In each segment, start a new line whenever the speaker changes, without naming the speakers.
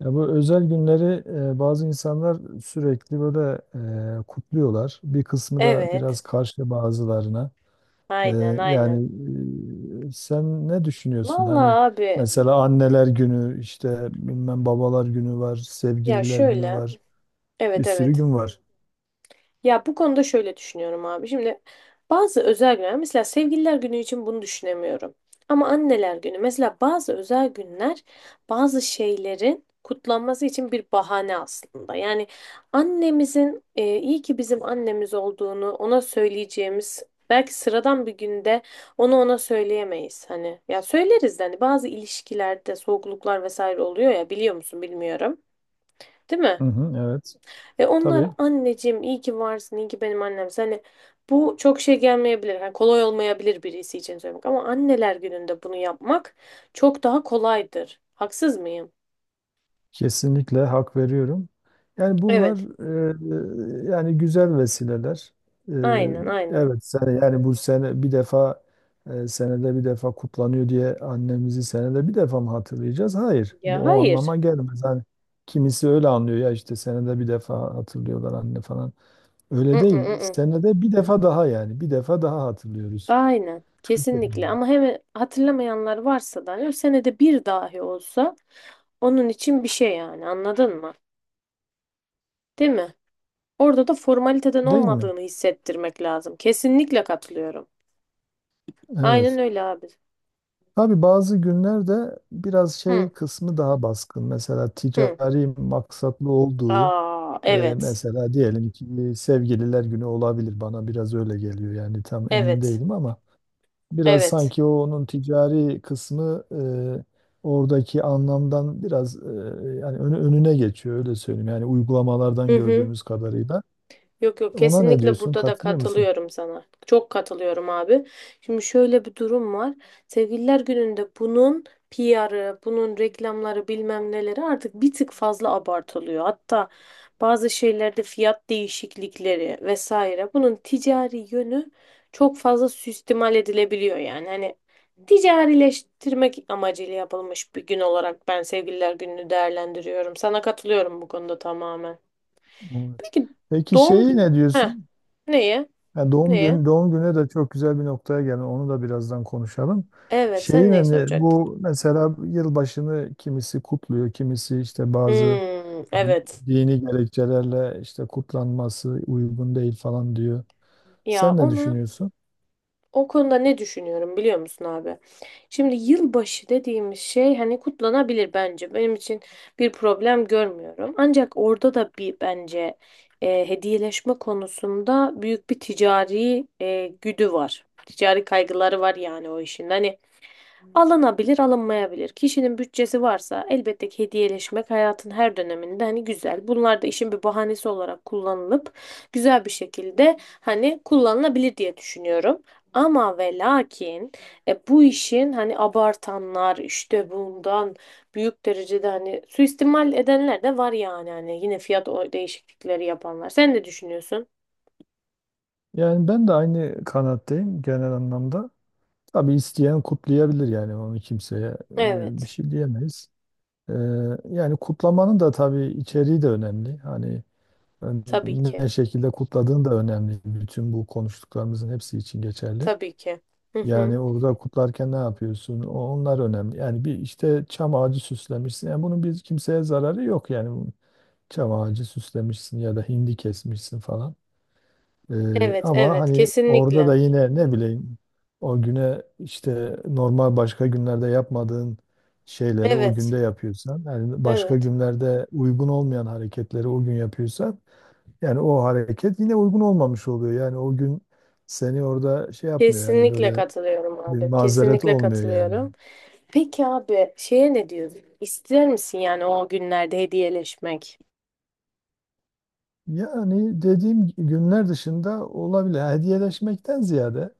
Ya bu özel günleri bazı insanlar sürekli böyle kutluyorlar. Bir kısmı da
Evet.
biraz karşı bazılarına. E,
Aynen aynen.
yani sen ne düşünüyorsun?
Vallahi
Hani
abi
mesela anneler günü, işte bilmem babalar günü var,
ya
sevgililer günü
şöyle.
var, bir
Evet
sürü
evet.
gün var.
Ya bu konuda şöyle düşünüyorum abi. Şimdi bazı özel günler mesela sevgililer günü için bunu düşünemiyorum. Ama anneler günü mesela bazı özel günler bazı şeylerin kutlanması için bir bahane aslında. Yani annemizin iyi ki bizim annemiz olduğunu ona söyleyeceğimiz belki sıradan bir günde onu ona söyleyemeyiz. Hani ya söyleriz de hani bazı ilişkilerde soğukluklar vesaire oluyor ya biliyor musun bilmiyorum. Değil mi?
Hı hı, evet.
Ve onlar
Tabii.
anneciğim iyi ki varsın, iyi ki benim annem. Hani bu çok şey gelmeyebilir. Yani kolay olmayabilir birisi için söylemek ama anneler gününde bunu yapmak çok daha kolaydır. Haksız mıyım?
Kesinlikle hak veriyorum. Yani bunlar
Evet.
yani güzel vesileler. E,
Aynen, aynen.
evet sene yani bu sene bir defa senede bir defa kutlanıyor diye annemizi senede bir defa mı hatırlayacağız? Hayır. Bu
Ya
o
hayır.
anlama gelmez. Hani kimisi öyle anlıyor ya işte senede bir defa hatırlıyorlar anne falan.
I,
Öyle
ı,
değil.
ı, ı.
Senede bir defa daha yani bir defa daha hatırlıyoruz.
Aynen. Kesinlikle ama hem hatırlamayanlar varsa da hani senede bir dahi olsa onun için bir şey yani anladın mı? Değil mi? Orada da formaliteden
Değil mi?
olmadığını hissettirmek lazım. Kesinlikle katılıyorum. Aynen
Evet.
öyle abi.
Tabii bazı günlerde biraz şey
Hı.
kısmı daha baskın. Mesela
Hı.
ticari maksatlı olduğu,
Aa,
e,
evet.
mesela diyelim ki sevgililer günü olabilir. Bana biraz öyle geliyor yani tam emin
Evet.
değilim ama biraz
Evet.
sanki o onun ticari kısmı oradaki anlamdan biraz yani önüne geçiyor öyle söyleyeyim. Yani uygulamalardan
Hı hı.
gördüğümüz kadarıyla.
Yok yok
Ona ne
kesinlikle
diyorsun?
burada da
Katılıyor musun?
katılıyorum sana. Çok katılıyorum abi. Şimdi şöyle bir durum var. Sevgililer Günü'nde bunun PR'ı, bunun reklamları bilmem neleri artık bir tık fazla abartılıyor. Hatta bazı şeylerde fiyat değişiklikleri vesaire bunun ticari yönü çok fazla süstimal edilebiliyor yani. Hani ticarileştirmek amacıyla yapılmış bir gün olarak ben Sevgililer Günü'nü değerlendiriyorum. Sana katılıyorum bu konuda tamamen.
Evet.
Peki
Peki
doğum
şeyi
günü...
ne
Heh.
diyorsun?
Neyi?
Yani doğum gününe de çok güzel bir noktaya gelin. Onu da birazdan konuşalım.
Evet, sen
Şeyin
neyi
hani
soracaktın?
bu mesela yılbaşını kimisi kutluyor, kimisi işte bazı
Hmm, evet.
dini gerekçelerle işte kutlanması uygun değil falan diyor.
Ya
Sen ne
ona
düşünüyorsun?
o konuda ne düşünüyorum biliyor musun abi? Şimdi yılbaşı dediğimiz şey hani kutlanabilir bence. Benim için bir problem görmüyorum. Ancak orada da bir bence hediyeleşme konusunda büyük bir ticari güdü var. Ticari kaygıları var yani o işin. Hani alınabilir, alınmayabilir. Kişinin bütçesi varsa elbette ki hediyeleşmek hayatın her döneminde hani güzel. Bunlar da işin bir bahanesi olarak kullanılıp güzel bir şekilde hani kullanılabilir diye düşünüyorum. Ama ve lakin bu işin hani abartanlar işte bundan büyük derecede hani suistimal edenler de var yani hani yine fiyat değişiklikleri yapanlar. Sen ne düşünüyorsun?
Yani ben de aynı kanaatteyim genel anlamda. Tabii isteyen kutlayabilir yani onu kimseye bir
Evet,
şey diyemeyiz. E, Yani kutlamanın da tabii içeriği de önemli. Hani
tabii ki.
ne şekilde kutladığın da önemli. Bütün bu konuştuklarımızın hepsi için geçerli.
Tabii ki. Hı hı.
Yani orada kutlarken ne yapıyorsun? Onlar önemli. Yani bir işte çam ağacı süslemişsin. Yani bunun bir kimseye zararı yok yani. Çam ağacı süslemişsin ya da hindi kesmişsin falan. Ee,
Evet,
ama
evet,
hani orada
kesinlikle.
da yine ne bileyim o güne işte normal başka günlerde yapmadığın şeyleri o
Evet.
günde yapıyorsan, yani başka
Evet.
günlerde uygun olmayan hareketleri o gün yapıyorsan yani o hareket yine uygun olmamış oluyor. Yani o gün seni orada şey yapmıyor yani
Kesinlikle
böyle
katılıyorum
bir
abi.
mazeret
Kesinlikle
olmuyor yani.
katılıyorum. Peki abi şeye ne diyorsun? İster misin yani o günlerde hediyeleşmek?
Yani dediğim günler dışında olabilir. Yani hediyeleşmekten ziyade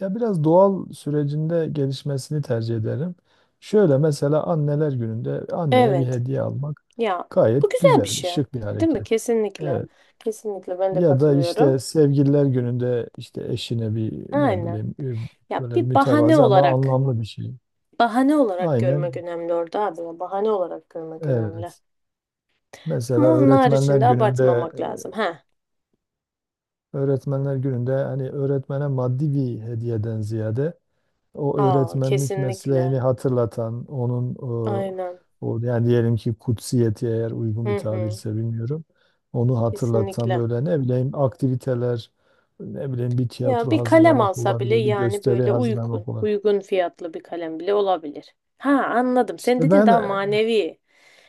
ya biraz doğal sürecinde gelişmesini tercih ederim. Şöyle mesela anneler gününde anneye bir
Evet.
hediye almak
Ya bu
gayet
güzel bir
güzel,
şey.
şık bir
Değil mi?
hareket.
Kesinlikle.
Evet.
Kesinlikle ben de
Ya da işte
katılıyorum.
sevgililer gününde işte eşine bir ne
Aynen.
bileyim
Ya
böyle
bir bahane
mütevazı ama
olarak,
anlamlı bir şey.
bahane olarak görmek
Aynen.
önemli orada abi. Ya, bahane olarak görmek önemli.
Evet. Mesela
Ama onun haricinde abartmamak lazım. Ha.
öğretmenler gününde hani öğretmene maddi bir hediyeden ziyade o
Aa
öğretmenlik
kesinlikle.
mesleğini hatırlatan onun e,
Aynen.
o yani diyelim ki kutsiyeti eğer uygun
Hı
bir
hı.
tabirse bilmiyorum. Onu hatırlatan
Kesinlikle.
böyle ne bileyim aktiviteler ne bileyim bir
Ya
tiyatro
bir kalem
hazırlamak
alsa bile
olabilir, bir
yani
gösteri
böyle uygun,
hazırlamak olabilir.
uygun fiyatlı bir kalem bile olabilir. Ha, anladım. Sen
İşte
dedin
ben
daha manevi.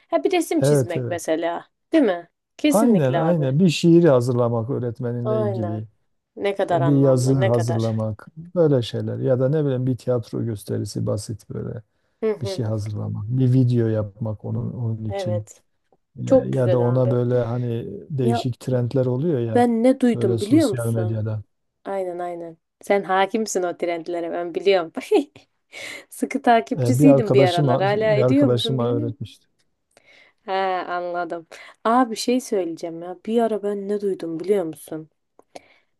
Ha, bir resim
evet,
çizmek
evet.
mesela, değil mi?
Aynen
Kesinlikle abi.
aynen, bir şiiri hazırlamak öğretmeninle
Aynen.
ilgili.
Ne kadar
Bir yazı
anlamlı, ne kadar.
hazırlamak, böyle şeyler ya da ne bileyim bir tiyatro gösterisi basit böyle
Hı
bir
hı.
şey hazırlamak, bir video yapmak onun için
Evet.
ya,
Çok
ya da
güzel
ona
abi.
böyle hani
Ya
değişik trendler oluyor ya
ben ne
böyle
duydum biliyor
sosyal
musun?
medyada.
Aynen aynen. Sen hakimsin o trendlere ben biliyorum. Sıkı
E, bir
takipçisiydim bir
arkadaşım
aralar. Hala
bir
ediyor musun
arkadaşıma
bilmiyorum.
öğretmişti.
He, anladım. Aa, bir şey söyleyeceğim ya. Bir ara ben ne duydum biliyor musun?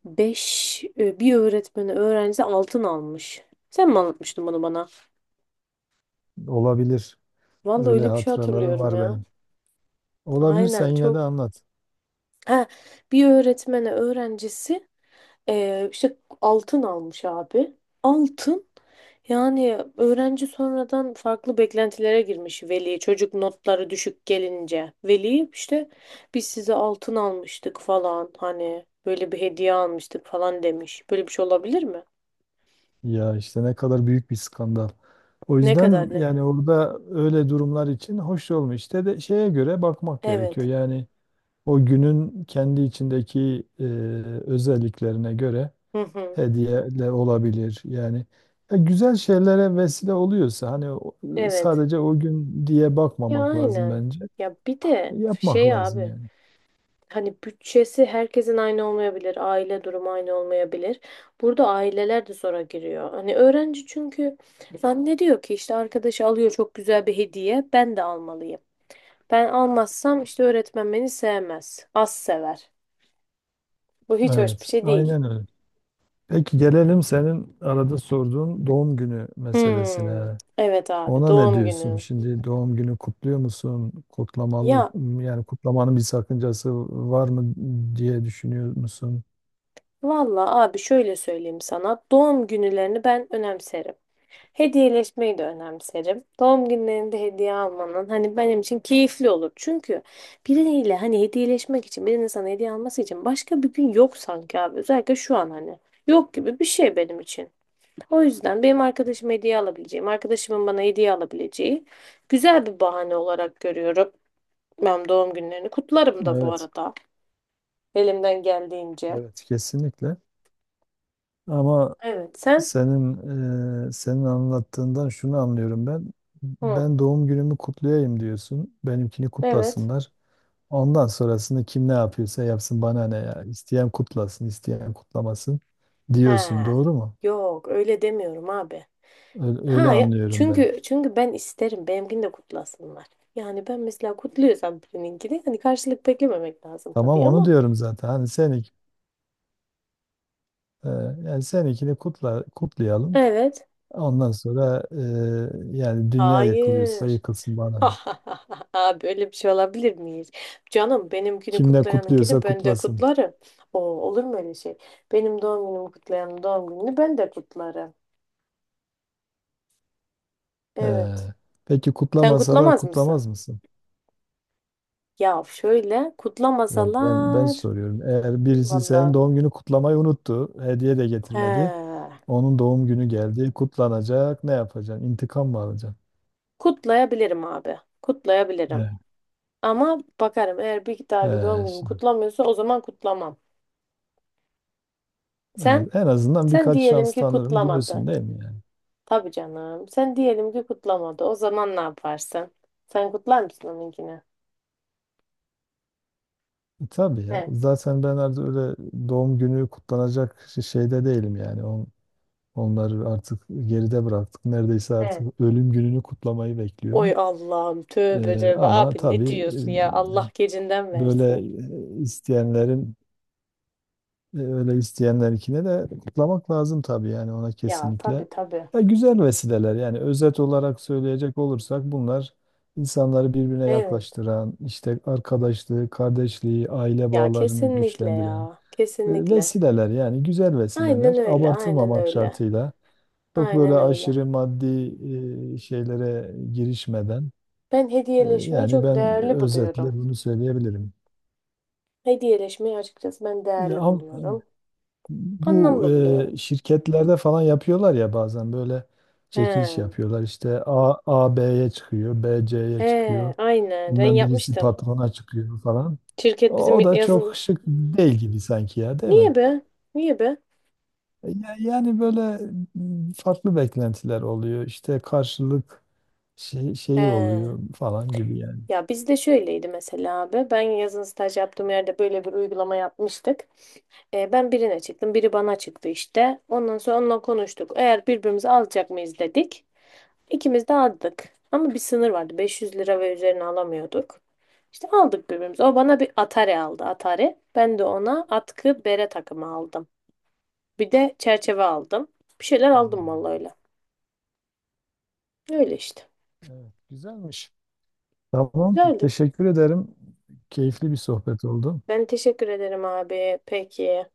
Bir öğretmeni öğrencisi altın almış. Sen mi anlatmıştın bunu bana?
Olabilir.
Vallahi
Öyle
öyle bir şey
hatıralarım
hatırlıyorum
var
ya.
benim. Olabilirsen
Aynen
yine de
çok.
anlat.
Ha, bir öğretmeni öğrencisi işte altın almış abi. Altın. Yani öğrenci sonradan farklı beklentilere girmiş veli. Çocuk notları düşük gelince. Veli işte biz size altın almıştık falan hani böyle bir hediye almıştık falan demiş. Böyle bir şey olabilir mi?
Ya işte ne kadar büyük bir skandal. O
Ne kadar
yüzden
ne?
yani orada öyle durumlar için hoş olmuş. İşte de şeye göre bakmak gerekiyor.
Evet.
Yani o günün kendi içindeki özelliklerine göre
Hı hı.
hediyeler olabilir. Yani ya güzel şeylere vesile oluyorsa hani
Evet.
sadece o gün diye
Ya
bakmamak lazım
aynen.
bence.
Ya bir
E,
de
Yapmak
şey
lazım
abi.
yani.
Hani bütçesi herkesin aynı olmayabilir, aile durumu aynı olmayabilir. Burada aileler de zora giriyor. Hani öğrenci çünkü zannediyor ki işte arkadaşı alıyor çok güzel bir hediye, ben de almalıyım. Ben almazsam işte öğretmen beni sevmez, az sever. Bu hiç hoş bir
Evet,
şey değil.
aynen öyle. Peki gelelim senin arada sorduğun doğum günü
Hmm,
meselesine.
evet abi
Ona ne
doğum
diyorsun?
günü.
Şimdi doğum günü kutluyor musun? Kutlamalı
Ya
yani kutlamanın bir sakıncası var mı diye düşünüyor musun?
vallahi abi şöyle söyleyeyim sana. Doğum günlerini ben önemserim. Hediyeleşmeyi de önemserim. Doğum günlerinde hediye almanın hani benim için keyifli olur. Çünkü biriyle hani hediyeleşmek için birinin sana hediye alması için başka bir gün yok sanki abi. Özellikle şu an hani yok gibi bir şey benim için. O yüzden benim arkadaşım hediye alabileceğim, arkadaşımın bana hediye alabileceği güzel bir bahane olarak görüyorum. Ben doğum günlerini kutlarım da bu
Evet,
arada elimden geldiğince.
evet kesinlikle. Ama
Evet, sen?
senin senin anlattığından şunu anlıyorum ben.
Hı.
Ben doğum günümü kutlayayım diyorsun. Benimkini
Evet.
kutlasınlar. Ondan sonrasını kim ne yapıyorsa yapsın bana ne ya. İsteyen kutlasın, isteyen kutlamasın diyorsun.
Ha,
Doğru mu?
yok öyle demiyorum abi.
Öyle, öyle
Ha ya,
anlıyorum ben.
çünkü ben isterim benimkini de kutlasınlar. Yani ben mesela kutluyorsam birininkini hani karşılık beklememek lazım
Tamam
tabii
onu
ama
diyorum zaten. Hani sen Ee, Yani seninkini kutla, kutlayalım.
evet.
Ondan sonra yani dünya yakılıyorsa
Hayır.
yakılsın bana ne.
Abi öyle bir şey olabilir miyiz? Canım benimkini
Kim ne
kutlayanınkini
kutluyorsa
ben de
kutlasın.
kutlarım. O olur mu öyle şey? Benim doğum günümü kutlayanın doğum gününü ben de kutlarım.
Ee,
Evet.
peki
Sen
kutlamasalar
kutlamaz mısın?
kutlamaz mısın?
Ya şöyle
Ya ben
kutlamasalar,
soruyorum. Eğer birisi
vallahi.
senin doğum günü kutlamayı unuttu, hediye de getirmedi.
He.
Onun doğum günü geldi, kutlanacak. Ne yapacaksın? İntikam mı alacaksın?
Kutlayabilirim abi. Kutlayabilirim.
Evet.
Ama bakarım eğer bir dahaki doğum
Ee,
günüm
şimdi,
kutlamıyorsa o zaman kutlamam. Sen?
evet, en azından
Sen
birkaç
diyelim
şans
ki
tanırım
kutlamadı.
diyorsun değil mi yani?
Tabii canım. Sen diyelim ki kutlamadı. O zaman ne yaparsın? Sen kutlar mısın onunkini?
Tabii ya.
He.
Zaten ben artık öyle doğum günü kutlanacak şeyde değilim yani. Onları artık geride bıraktık. Neredeyse
He.
artık ölüm gününü kutlamayı
Oy
bekliyorum.
Allah'ım, tövbe
Ee,
tövbe
ama
abi, ne
tabii
diyorsun ya? Allah gecinden
böyle
versin.
e, isteyenlerin öyle isteyenlerinkine de kutlamak lazım tabii yani ona
Ya tabii
kesinlikle.
tabii.
Ya güzel vesileler yani özet olarak söyleyecek olursak bunlar insanları birbirine
Evet.
yaklaştıran, işte arkadaşlığı, kardeşliği, aile
Ya
bağlarını
kesinlikle
güçlendiren
ya.
E,
Kesinlikle.
Vesileler yani güzel vesileler
Aynen öyle. Aynen
abartılmamak
öyle.
şartıyla çok böyle
Aynen öyle.
aşırı maddi şeylere girişmeden
Ben hediyeleşmeyi
yani
çok
ben
değerli
özetle
buluyorum.
bunu söyleyebilirim.
Hediyeleşmeyi açıkçası ben
E,
değerli
am-
buluyorum.
bu
Anlamlı buluyorum.
şirketlerde falan yapıyorlar ya bazen böyle
He.
çekiliş yapıyorlar işte A, B'ye çıkıyor B C'ye
He,
çıkıyor
aynen. Ben
bilmem birisi
yapmıştım.
patrona çıkıyor falan.
Şirket bizim
O da
yazın...
çok şık değil gibi sanki ya değil
Niye
mi?
be? Niye be?
Yani böyle farklı beklentiler oluyor. İşte karşılık şeyi
He.
oluyor falan gibi yani.
Ya bizde şöyleydi mesela abi. Ben yazın staj yaptığım yerde böyle bir uygulama yapmıştık. Ben birine çıktım, biri bana çıktı işte. Ondan sonra onunla konuştuk. Eğer birbirimizi alacak mıyız dedik. İkimiz de aldık. Ama bir sınır vardı. 500 lira ve üzerine alamıyorduk. İşte aldık birbirimize. O bana bir Atari aldı. Atari. Ben de ona atkı bere takımı aldım. Bir de çerçeve aldım. Bir şeyler aldım
Hmm,
vallahi öyle. Öyle işte.
evet, güzelmiş. Tamam.
Güzeldi.
Teşekkür ederim. Keyifli bir sohbet oldu.
Ben teşekkür ederim abi. Peki.